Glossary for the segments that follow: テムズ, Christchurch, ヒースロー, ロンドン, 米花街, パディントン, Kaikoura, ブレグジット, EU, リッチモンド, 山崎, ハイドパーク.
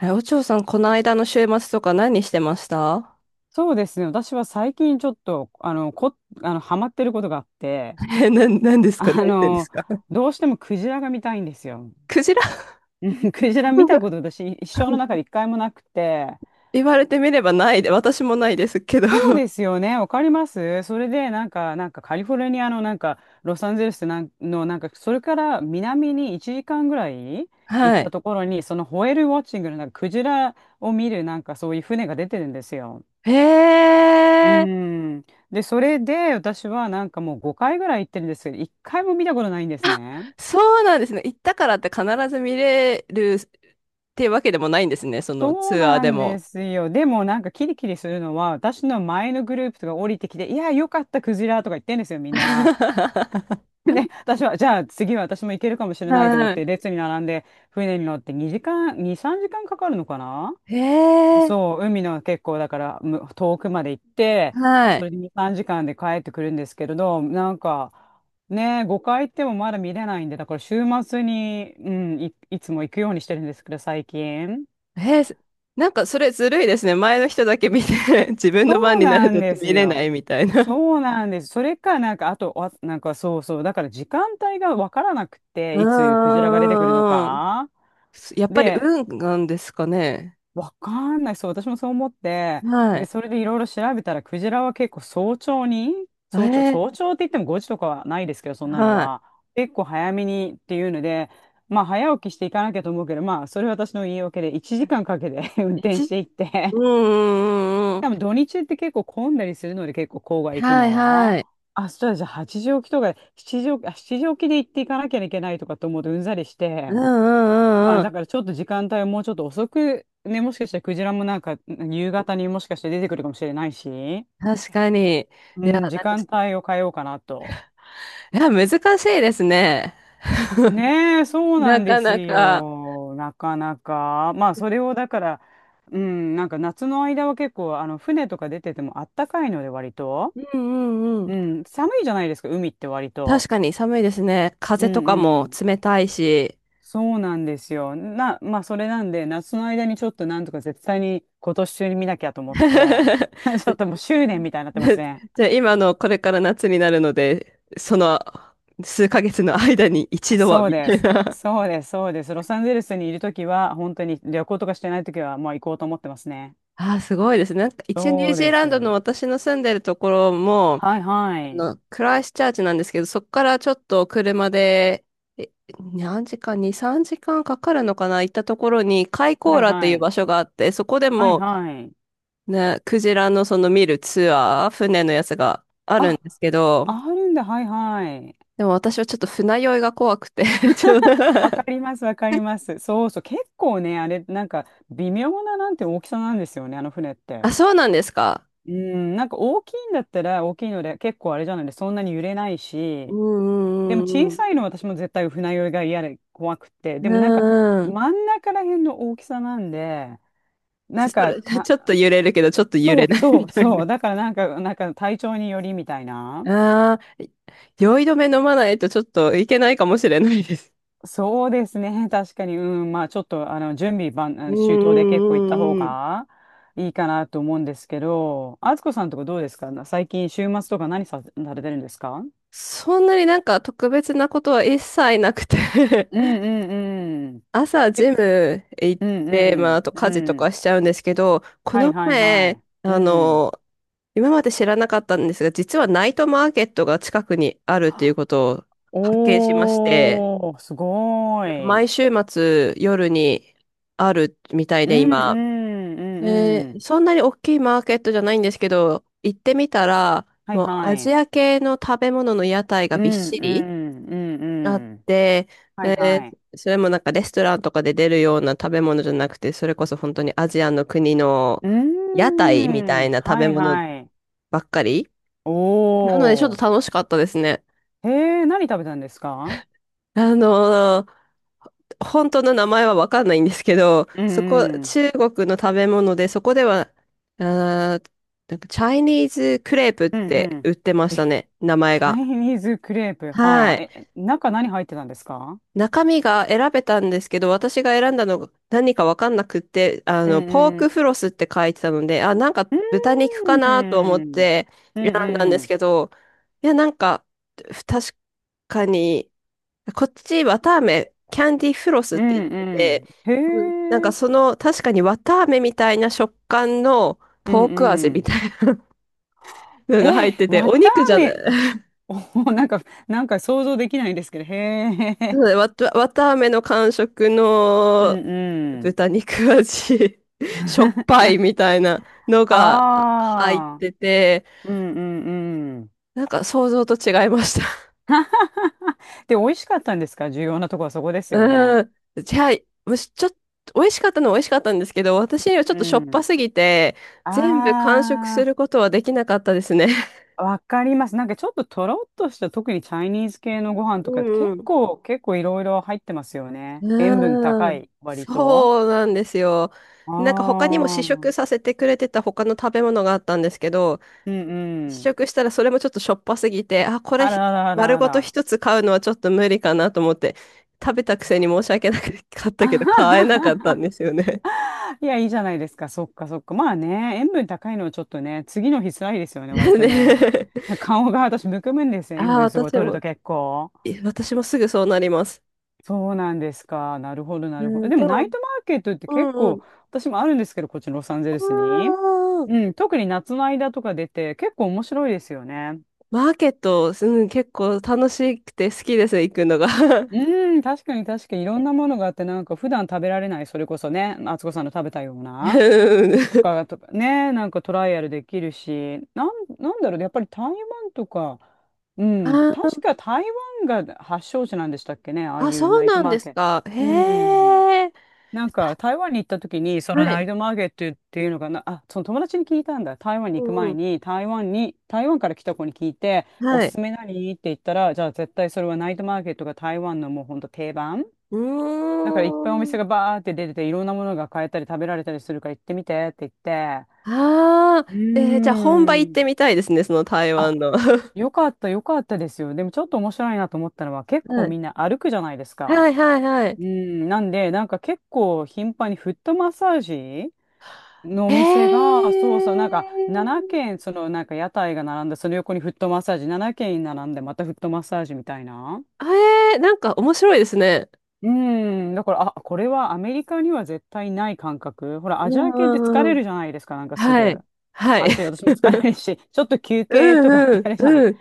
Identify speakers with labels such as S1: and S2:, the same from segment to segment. S1: え、お嬢さん、この間の週末とか何してました？
S2: そうですね。私は最近ちょっと、あの、こ、あの、ハマってることがあって、
S1: え、何で すか？
S2: あ
S1: 何してんです
S2: の、
S1: か？
S2: どうしてもクジラが見たいんですよ。
S1: クジラ。
S2: クジラ見たこと 私、一生の中で一回もなくて、
S1: 言われてみればないで、私もないですけど。
S2: そう ですよね。わかります。それで、なんかカリフォルニアの、ロサンゼルスなんの、それから南に1時間ぐらい行っ
S1: は
S2: た
S1: い。
S2: ところに、そのホエールウォッチングの、クジラを見る、そういう船が出てるんですよ。
S1: へ
S2: う
S1: え、
S2: ん。で、それで私はなんかもう5回ぐらい行ってるんですけど、1回も見たことないんですね。
S1: そうなんですね。行ったからって必ず見れるっていうわけでもないんですね。その
S2: そう
S1: ツアー
S2: な
S1: で
S2: んで
S1: も。
S2: すよ。でもなんかキリキリするのは、私の前のグループとか降りてきて、いや、よかった、クジラとか言ってんですよ、みんな。で、私は、じゃあ次は私も行けるかもしれないと思っ
S1: はい。
S2: て、列に並んで、船に乗って2時間、2、3時間かんかかるのかな。
S1: へえ、
S2: そう、海の結構だからむ遠くまで行って、
S1: は
S2: そ
S1: い。
S2: れで2、3時間で帰ってくるんですけれど、なんかね、5回行ってもまだ見れないんで、だから週末に、うん、いつも行くようにしてるんですけど、最近。
S1: へえ、なんかそれずるいですね。前の人だけ見て、自分の
S2: そ
S1: 番
S2: う
S1: になる
S2: なん
S1: と
S2: です
S1: 見れない
S2: よ。
S1: みたいな。
S2: そうなんです。それか、なんか、あと、あなんかそうそう、だから時間帯がわからなくて、
S1: う
S2: いつクジラが出てくるの
S1: んうんうんうん。
S2: か。
S1: やっぱり
S2: で、
S1: 運なんですかね。
S2: わかんない。そう、私もそう思って、
S1: は
S2: で、
S1: い。
S2: それでいろいろ調べたら、クジラは結構早朝に、早朝、
S1: ええ、
S2: 早朝って言っても5時とかはないですけど、そんなの
S1: は
S2: は、結構早めにっていうので、まあ、早起きしていかなきゃと思うけど、まあ、それは私の言い訳で、1時間かんかけて 運
S1: い。
S2: 転していって、
S1: うんうんうんうん。
S2: 多分土日って結構混んだりするので、結構郊外行く
S1: はい
S2: の。
S1: はい。
S2: あ、そうだ、じゃあ8時起きとか、7時起きで行っていかなきゃいけないとかと思うとうんざりし
S1: う
S2: て、
S1: んう
S2: ま
S1: んう
S2: あ
S1: んうん。
S2: だからちょっと時間帯はもうちょっと遅く、ね、もしかしたらクジラもなんか夕方にもしかして出てくるかもしれないし、
S1: 確かに。
S2: う
S1: いや、
S2: ん、時
S1: なんか、
S2: 間帯を変えようかなと。
S1: いや、難しいですね。
S2: ねえ、そうな
S1: な
S2: んで
S1: か
S2: す
S1: なか。
S2: よ。なかなか。まあそれをだから、うん、なんか夏の間は結構あの船とか出ててもあったかいので割と。
S1: うんうんうん。
S2: うん、寒いじゃないですか、海って割と。
S1: 確かに寒いですね。
S2: う
S1: 風と
S2: ん
S1: か
S2: う
S1: も
S2: ん。
S1: 冷たいし。
S2: そうなんですよ。な、まあ、それなんで、夏の間にちょっとなんとか絶対に今年中に見なきゃと思って、ちょっともう執念みたいになってますね。
S1: じゃあ今のこれから夏になるので、その数ヶ月の間に一度は
S2: そう
S1: み
S2: で
S1: たい
S2: す。
S1: な。
S2: そうです。そうです。ロサンゼルスにいるときは、本当に旅行とかしてないときは、まあ行こうと思ってますね。
S1: ああ、すごいですね。なんか一応ニュー
S2: そう
S1: ジー
S2: で
S1: ラ
S2: す。
S1: ンド
S2: は
S1: の私の住んでるところも、
S2: いは
S1: あ
S2: い。
S1: の、クライストチャーチなんですけど、そこからちょっと車で、え、何時間、2、3時間かんかかるのかな、行ったところに、カイコ
S2: は
S1: ー
S2: い
S1: ラってい
S2: は
S1: う
S2: い。
S1: 場所があって、そこで
S2: はい
S1: も、
S2: はい。
S1: ね、クジラのその見るツアー、船のやつがあるん
S2: あ、
S1: ですけど、
S2: あるんだ。はいはい。
S1: でも私はちょっと船酔いが怖くて ちょっと
S2: わか ります。わかります。そうそう。結構ね、あれ、なんか微妙ななんて大きさなんですよね、あの船っ
S1: あ、
S2: て。
S1: そうなんですか。
S2: うん、なんか大きいんだったら大きいので結構あれじゃないでそんなに揺れない
S1: う
S2: し、でも
S1: んうんう
S2: 小
S1: んうん。
S2: さいのは私も絶対船酔いが嫌で怖くて、
S1: う
S2: でもなんか
S1: んうん。
S2: 真ん中ら辺の大きさなんで、なん
S1: そ
S2: か
S1: れ、
S2: た、
S1: ちょっと揺れるけど、ちょっと揺
S2: そ
S1: れ
S2: う
S1: ない
S2: そ
S1: み
S2: う
S1: たい
S2: そ
S1: な。
S2: う、だからなんか、なんか体調によりみたいな。
S1: ああ、酔い止め飲まないとちょっといけないかもしれないです。
S2: そうですね、確かに、うん、まあちょっとあの準備万、あ
S1: うん
S2: の周到で結構行った
S1: う
S2: 方
S1: んうんうん。
S2: がいいかなと思うんですけど、あつこさんとかどうですか？最近週末とか何さ、されてるんですか？
S1: そんなになんか特別なことは一切なくて
S2: うんうんうん。
S1: 朝ジム行っ
S2: うんう
S1: て、まああ
S2: ん
S1: と
S2: う
S1: 家事と
S2: ん。
S1: かしちゃうんですけど、こ
S2: はい
S1: の
S2: はいは
S1: 前、
S2: い。う
S1: あ
S2: ん。
S1: の、今まで知らなかったんですが、実はナイトマーケットが近くにあるっていうことを発見しまして、
S2: おー、すご
S1: なんか
S2: い。うん
S1: 毎週末夜にあるみたい
S2: う
S1: で
S2: んう
S1: 今。
S2: ん
S1: え
S2: うん。
S1: ー、そんなに大きいマーケットじゃないんですけど、行ってみたら、
S2: はい
S1: もう
S2: は
S1: アジ
S2: い。
S1: ア系の食べ物の屋台が
S2: う
S1: びっ
S2: ん
S1: し
S2: う
S1: り
S2: んうん
S1: あっ
S2: うん。
S1: て、
S2: はい
S1: え
S2: は
S1: ー、
S2: い。
S1: それもなんかレストランとかで出るような食べ物じゃなくて、それこそ本当にアジアの国の
S2: う
S1: 屋台み
S2: ー
S1: た
S2: ん。
S1: いな食べ
S2: はい
S1: 物
S2: はい。
S1: ばっかり。
S2: お
S1: なのでちょっ
S2: ー。
S1: と楽しかったですね。
S2: へえ、何食べたんですか？
S1: あのー本当の名前はわかんないんですけど、
S2: う
S1: そこ、
S2: んうん。
S1: 中国の食べ物で、そこでは、あーなんかチャイニーズクレープっ
S2: うんう
S1: て
S2: ん。
S1: 売ってました
S2: え、
S1: ね、名前
S2: チャイ
S1: が。
S2: ニーズクレープ。は
S1: は
S2: あ。え、
S1: い。
S2: 中何入ってたんですか？
S1: 中身が選べたんですけど、私が選んだのが何かわかんなくって、あ
S2: う
S1: の、ポー
S2: んう
S1: クフ
S2: ん。
S1: ロスって書いてたので、あ、なんか
S2: う
S1: 豚
S2: ん。
S1: 肉かなと思って
S2: うん
S1: 選んだんで
S2: う
S1: す
S2: ん。
S1: けど、いや、なんか、確かに、こっち、綿あめ、キャンディフロスっ
S2: う
S1: て言っ
S2: ん
S1: て
S2: う
S1: て、
S2: ん。へ
S1: うん、なんか
S2: え。
S1: その、確かに綿あめみたいな食感の
S2: う
S1: ポ
S2: ん
S1: ーク味
S2: う
S1: み
S2: ん。
S1: たいなのが入
S2: え、
S1: ってて、
S2: わ
S1: お
S2: たあ
S1: 肉じゃない。
S2: め。お、なんか、なんか想像できないんですけど。へ
S1: そ
S2: え。
S1: うだね、わたあめの感触
S2: うん
S1: の
S2: うん。
S1: 豚肉味 しょっぱいみたいなのが入っ
S2: ああ。
S1: てて、
S2: うんうんうん。
S1: なんか想像と違いました。
S2: で、美味しかったんですか？重要なとこはそこで すよね。
S1: うん。じゃあ、ちょっと、美味しかったのは美味しかったんですけど、私にはちょ
S2: う
S1: っとしょっぱ
S2: ん。
S1: すぎて、
S2: あ
S1: 全部完食することはできなかったですね。
S2: あ、わかります。なんかちょっととろっとした、特にチャイニーズ系のご飯
S1: う
S2: とかって
S1: ん
S2: 結
S1: うん。
S2: 構、結構いろいろ入ってますよね。塩分
S1: うー
S2: 高
S1: ん、
S2: い、割と。
S1: そうなんですよ。
S2: あ
S1: なんか他にも
S2: あ、
S1: 試
S2: う
S1: 食
S2: ん
S1: させてくれてた他の食べ物があったんですけど、
S2: う
S1: 試
S2: ん。
S1: 食したらそれもちょっとしょっぱすぎて、あ、これ
S2: あ
S1: ひ
S2: らあらあら
S1: 丸
S2: あ
S1: ごと
S2: ら。
S1: 一つ買うのはちょっと無理かなと思って、食べたくせに申し訳なかっ
S2: あ
S1: たけど、
S2: は
S1: 買え
S2: は
S1: なかった
S2: は
S1: んですよね。
S2: いや、いいじゃないですか。そっかそっか。まあね、塩分高いのはちょっとね、次の日辛いですよね、割 とね。
S1: ね。
S2: 顔が私むくむんですよ。塩
S1: ああ、
S2: 分すごい
S1: 私
S2: 取る
S1: も、
S2: と結構。
S1: 私もすぐそうなります。
S2: そうなんですか。なるほど、な
S1: う
S2: るほど。
S1: ん、
S2: で
S1: で
S2: もナ
S1: も、
S2: イトマーケットって
S1: う
S2: 結
S1: んう
S2: 構、
S1: ん。
S2: 私もあるんですけど、こっちのロサンゼルス
S1: あ
S2: に。
S1: ー、
S2: うん、特に夏の間とか出て、結構面白いですよね。
S1: マーケット、うん、結構楽しくて好きです、行くのが。
S2: うん、確かにいろんなものがあって、なんか普段食べられない、それこそね、敦子さんの食べたよう
S1: う
S2: な、と
S1: ん、
S2: か、とかね、なんかトライアルできるし、なん、なんだろうね、やっぱり台湾とか、う
S1: あ
S2: ん、確
S1: ー、
S2: か台湾が発祥地なんでしたっけね、ああ
S1: あ、
S2: いう
S1: そう
S2: ナイト
S1: なん
S2: マ
S1: で
S2: ー
S1: す
S2: ケット。
S1: か。
S2: う
S1: へ
S2: ん。
S1: え。
S2: なんか台湾に行った時にそ
S1: は
S2: のナ
S1: い。
S2: イトマーケットっていうのかな、あその友達に聞いたんだ、台湾に行く
S1: うん
S2: 前
S1: う
S2: に、台湾に、台湾から来た子に聞いて、
S1: ん。
S2: お
S1: は
S2: す
S1: い。
S2: すめ何って言ったら、じゃあ絶対それはナイトマーケットが台湾のもうほんと定番
S1: う
S2: だから、いっぱいお
S1: ー
S2: 店
S1: ん。
S2: がバーって出てていろんなものが買えたり食べられたりするから行ってみてって言って、
S1: ああ、
S2: うー
S1: えー、じゃあ本場行ってみ
S2: ん、
S1: たいですね、その台
S2: あ、
S1: 湾の。は
S2: よかったよかったですよ。でもちょっと面白いなと思ったのは、結構
S1: い。
S2: みんな歩くじゃないですか。
S1: はいはいはい。
S2: うん、なんでなんか結構頻繁にフットマッサージのお
S1: へ
S2: 店が、そうそう、なんか
S1: え。
S2: 7軒、そのなんか屋台が並んで、その横にフットマッサージ、7軒並んで、またフットマッサージみたいな。
S1: えー、なんか面白いですね。
S2: うん、だから、あ、これはアメリカには絶対ない感覚。ほら、
S1: う
S2: アジ
S1: ん
S2: ア系って疲
S1: うんう
S2: れ
S1: ん。
S2: るじゃないですか、なんかす
S1: は
S2: ぐ。
S1: い。はい。
S2: 足、私も疲れるし、ちょっと休
S1: う
S2: 憩とかっ
S1: ん
S2: て
S1: う
S2: や
S1: ん
S2: るじゃない。
S1: うん。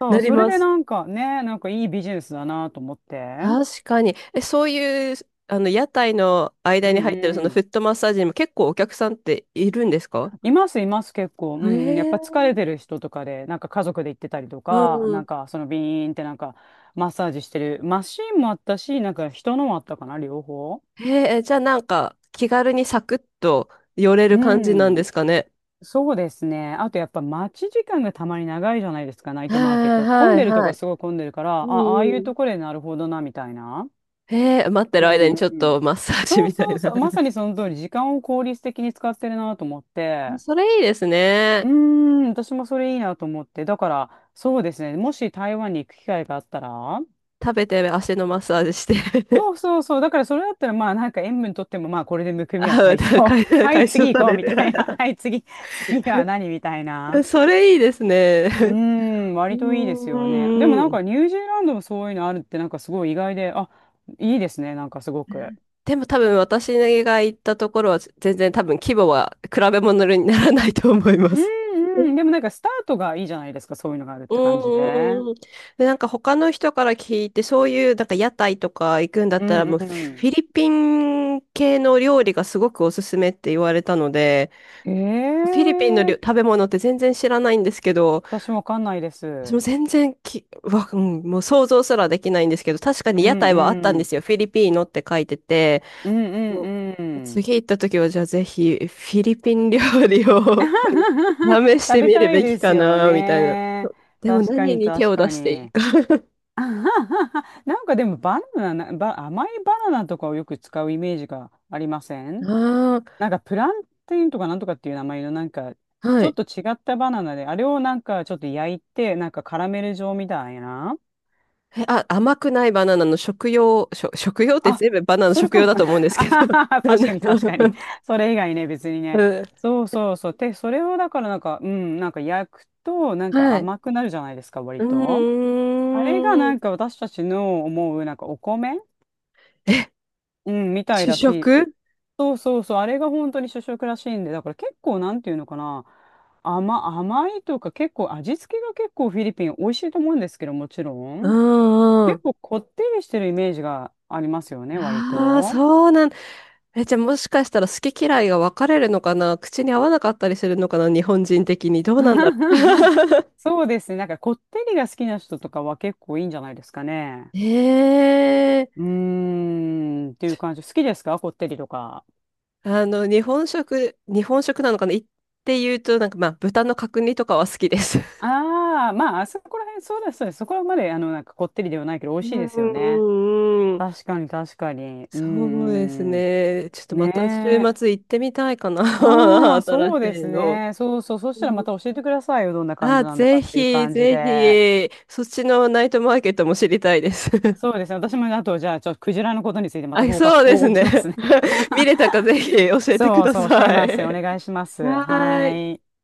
S2: そ
S1: な
S2: う、
S1: り
S2: それ
S1: ま
S2: で
S1: す。
S2: なんかね、なんかいいビジネスだなと思って。
S1: 確かに。え、そういう、あの、屋台の間
S2: う
S1: に
S2: ん
S1: 入ってるそ
S2: う
S1: のフ
S2: ん。
S1: ットマッサージにも結構お客さんっているんですか？
S2: います、います、結構。う
S1: へ
S2: ん、やっぱ
S1: え。
S2: 疲れてる人とかで、なんか家族で行ってたりと
S1: う
S2: か、な
S1: ん、
S2: んかそのビーンってなんかマッサージしてるマシーンもあったし、なんか人のもあったかな、両方。
S1: へえ、じゃあなんか気軽にサクッと寄れ
S2: う
S1: る感じなん
S2: ん、
S1: ですかね。
S2: そうですね。あとやっぱ待ち時間がたまに長いじゃないですか、ナイ
S1: は
S2: トマーケット
S1: い
S2: は。混ん
S1: はい
S2: でるとこ
S1: は
S2: は
S1: い。
S2: すごい混んでるから、
S1: う
S2: あ、ああい
S1: ん
S2: う
S1: う
S2: と
S1: ん。
S2: ころでなるほどな、みたいな。
S1: へえ、待って
S2: う
S1: る間に
S2: んう
S1: ち
S2: ん
S1: ょっ
S2: うん。
S1: とマッサージ
S2: そう
S1: みたい
S2: そう
S1: な。
S2: そう、まさにその通り、時間を効率的に使ってるなと思っ て。
S1: それいいです
S2: う
S1: ね。
S2: ーん、私もそれいいなと思って。だから、そうですね。もし台湾に行く機会があったら、
S1: 食べて足のマッサージして。
S2: そ うそうそう。だからそれだったら、まあなんか塩分とっても、まあこれでむくみは
S1: あ、
S2: 解消。はい、
S1: 解消
S2: 次
S1: さ
S2: 行こう
S1: れ
S2: みた
S1: て。
S2: いな。はい、次、次は何みたいな。
S1: それいいですね。
S2: うーん、
S1: う
S2: 割といいで
S1: ん
S2: す
S1: う
S2: よね。でもな
S1: ん
S2: ん
S1: うん。
S2: かニュージーランドもそういうのあるってなんかすごい意外で、あ、いいですね。なんかすごく。
S1: でも多分私が行ったところは全然多分規模は比べ物にならないと思いま
S2: う
S1: す。
S2: んうん。でもなんかスタートがいいじゃないですか。そういうのがあるっ
S1: う
S2: て感じで。
S1: んうん。で、なんか他の人から聞いて、そういうなんか屋台とか行くんだっ
S2: う
S1: たら、もうフ
S2: ん
S1: ィリピン系の料理がすごくおすすめって言われたので、
S2: うん。
S1: フィリピンの
S2: ええー、
S1: 食べ物って全然知らないんですけど、
S2: 私わかんないで
S1: 私も
S2: す。
S1: 全然うん、もう想像すらできないんですけど、確かに
S2: う
S1: 屋
S2: ん
S1: 台はあったん
S2: う
S1: で
S2: ん。
S1: すよ。フィリピーノって書いてて、
S2: うん
S1: も
S2: うんう
S1: う
S2: ん。
S1: 次行った時はじゃあぜひフィリピン料理を 試し
S2: 食
S1: て
S2: べ
S1: みる
S2: たい
S1: べ
S2: で
S1: き
S2: す
S1: か
S2: よ
S1: な、みたいな。
S2: ね。
S1: でも
S2: 確か
S1: 何
S2: に
S1: に手
S2: 確
S1: を出
S2: か
S1: していい、
S2: に。あはははなんかでもバナナ、ば甘いバナナとかをよく使うイメージがありません
S1: あ
S2: なんかプランティンとかなんとかっていう名前のなんか
S1: あ、
S2: ち
S1: は
S2: ょっ
S1: い。
S2: と違ったバナナで、あれをなんかちょっと焼いて、なんかカラメル状みたいな。
S1: え、あ、甘くないバナナの食用、食用って
S2: あ、
S1: 全部バナナの
S2: それ
S1: 食
S2: か
S1: 用
S2: も。
S1: だと思うんで す
S2: あ
S1: け
S2: は
S1: ど。
S2: は確かに確かに。それ以外ね、別に
S1: う
S2: ね。
S1: ん、
S2: そうそうそう。で、それをだからなんか、うん、なんか焼くと、なんか
S1: はい。
S2: 甘くなるじゃないですか、
S1: う
S2: 割と。あれが
S1: ー
S2: な
S1: ん。
S2: んか私たちの思う、なんかお米、
S1: え、
S2: うん、みたい
S1: 主
S2: だ
S1: 食？
S2: し、そうそうそう、あれが本当に主食らしいんで、だから結構なんていうのかな、甘、甘いとか結構味付けが結構フィリピン美味しいと思うんですけど、もちろ
S1: う
S2: ん。
S1: んう
S2: 結
S1: ん。
S2: 構こってりしてるイメージがありますよね、割
S1: ああ、
S2: と。
S1: そうなん。え、じゃあもしかしたら好き嫌いが分かれるのかな？口に合わなかったりするのかな？日本人的に。どうなんだろ う。
S2: そうですね。なんかこってりが好きな人とかは結構いいんじゃないですかね。
S1: ええ、
S2: うーん、っていう感じ。好きですか、こってりとか。
S1: あの、日本食、日本食なのかな？って言うと、なんかまあ、豚の角煮とかは好きです。
S2: ああ、まあ、あそこら辺、そうです、そうです。そこまで、あの、なんかこってりではないけど、美
S1: う
S2: 味しいで
S1: ん
S2: すよね。
S1: うんうんうん。
S2: 確かに、確かに。う
S1: そうです
S2: ん、うん。
S1: ね。ちょっとま
S2: ね
S1: た週
S2: え。
S1: 末行ってみたいかな。
S2: ああ、
S1: 新し
S2: そうで
S1: い
S2: す
S1: の。
S2: ね。そうそう。そしたら
S1: う
S2: また
S1: ん、
S2: 教えてくださいよ。どんな感
S1: あ、
S2: じなんだか
S1: ぜ
S2: っていう
S1: ひ、
S2: 感じ
S1: ぜ
S2: で。
S1: ひ、そっちのナイトマーケットも知りたいです。
S2: そうですね。私も、あと、じゃあ、ちょっとクジラのことについてまた
S1: あ、
S2: 報
S1: そ
S2: 告、
S1: うで
S2: 報
S1: す
S2: 告
S1: ね。
S2: しますね。
S1: 見れたかぜひ教えてく
S2: そう
S1: だ
S2: そう、教え
S1: さ
S2: ます。お
S1: い。
S2: 願いします。
S1: は
S2: は
S1: ーい。
S2: い。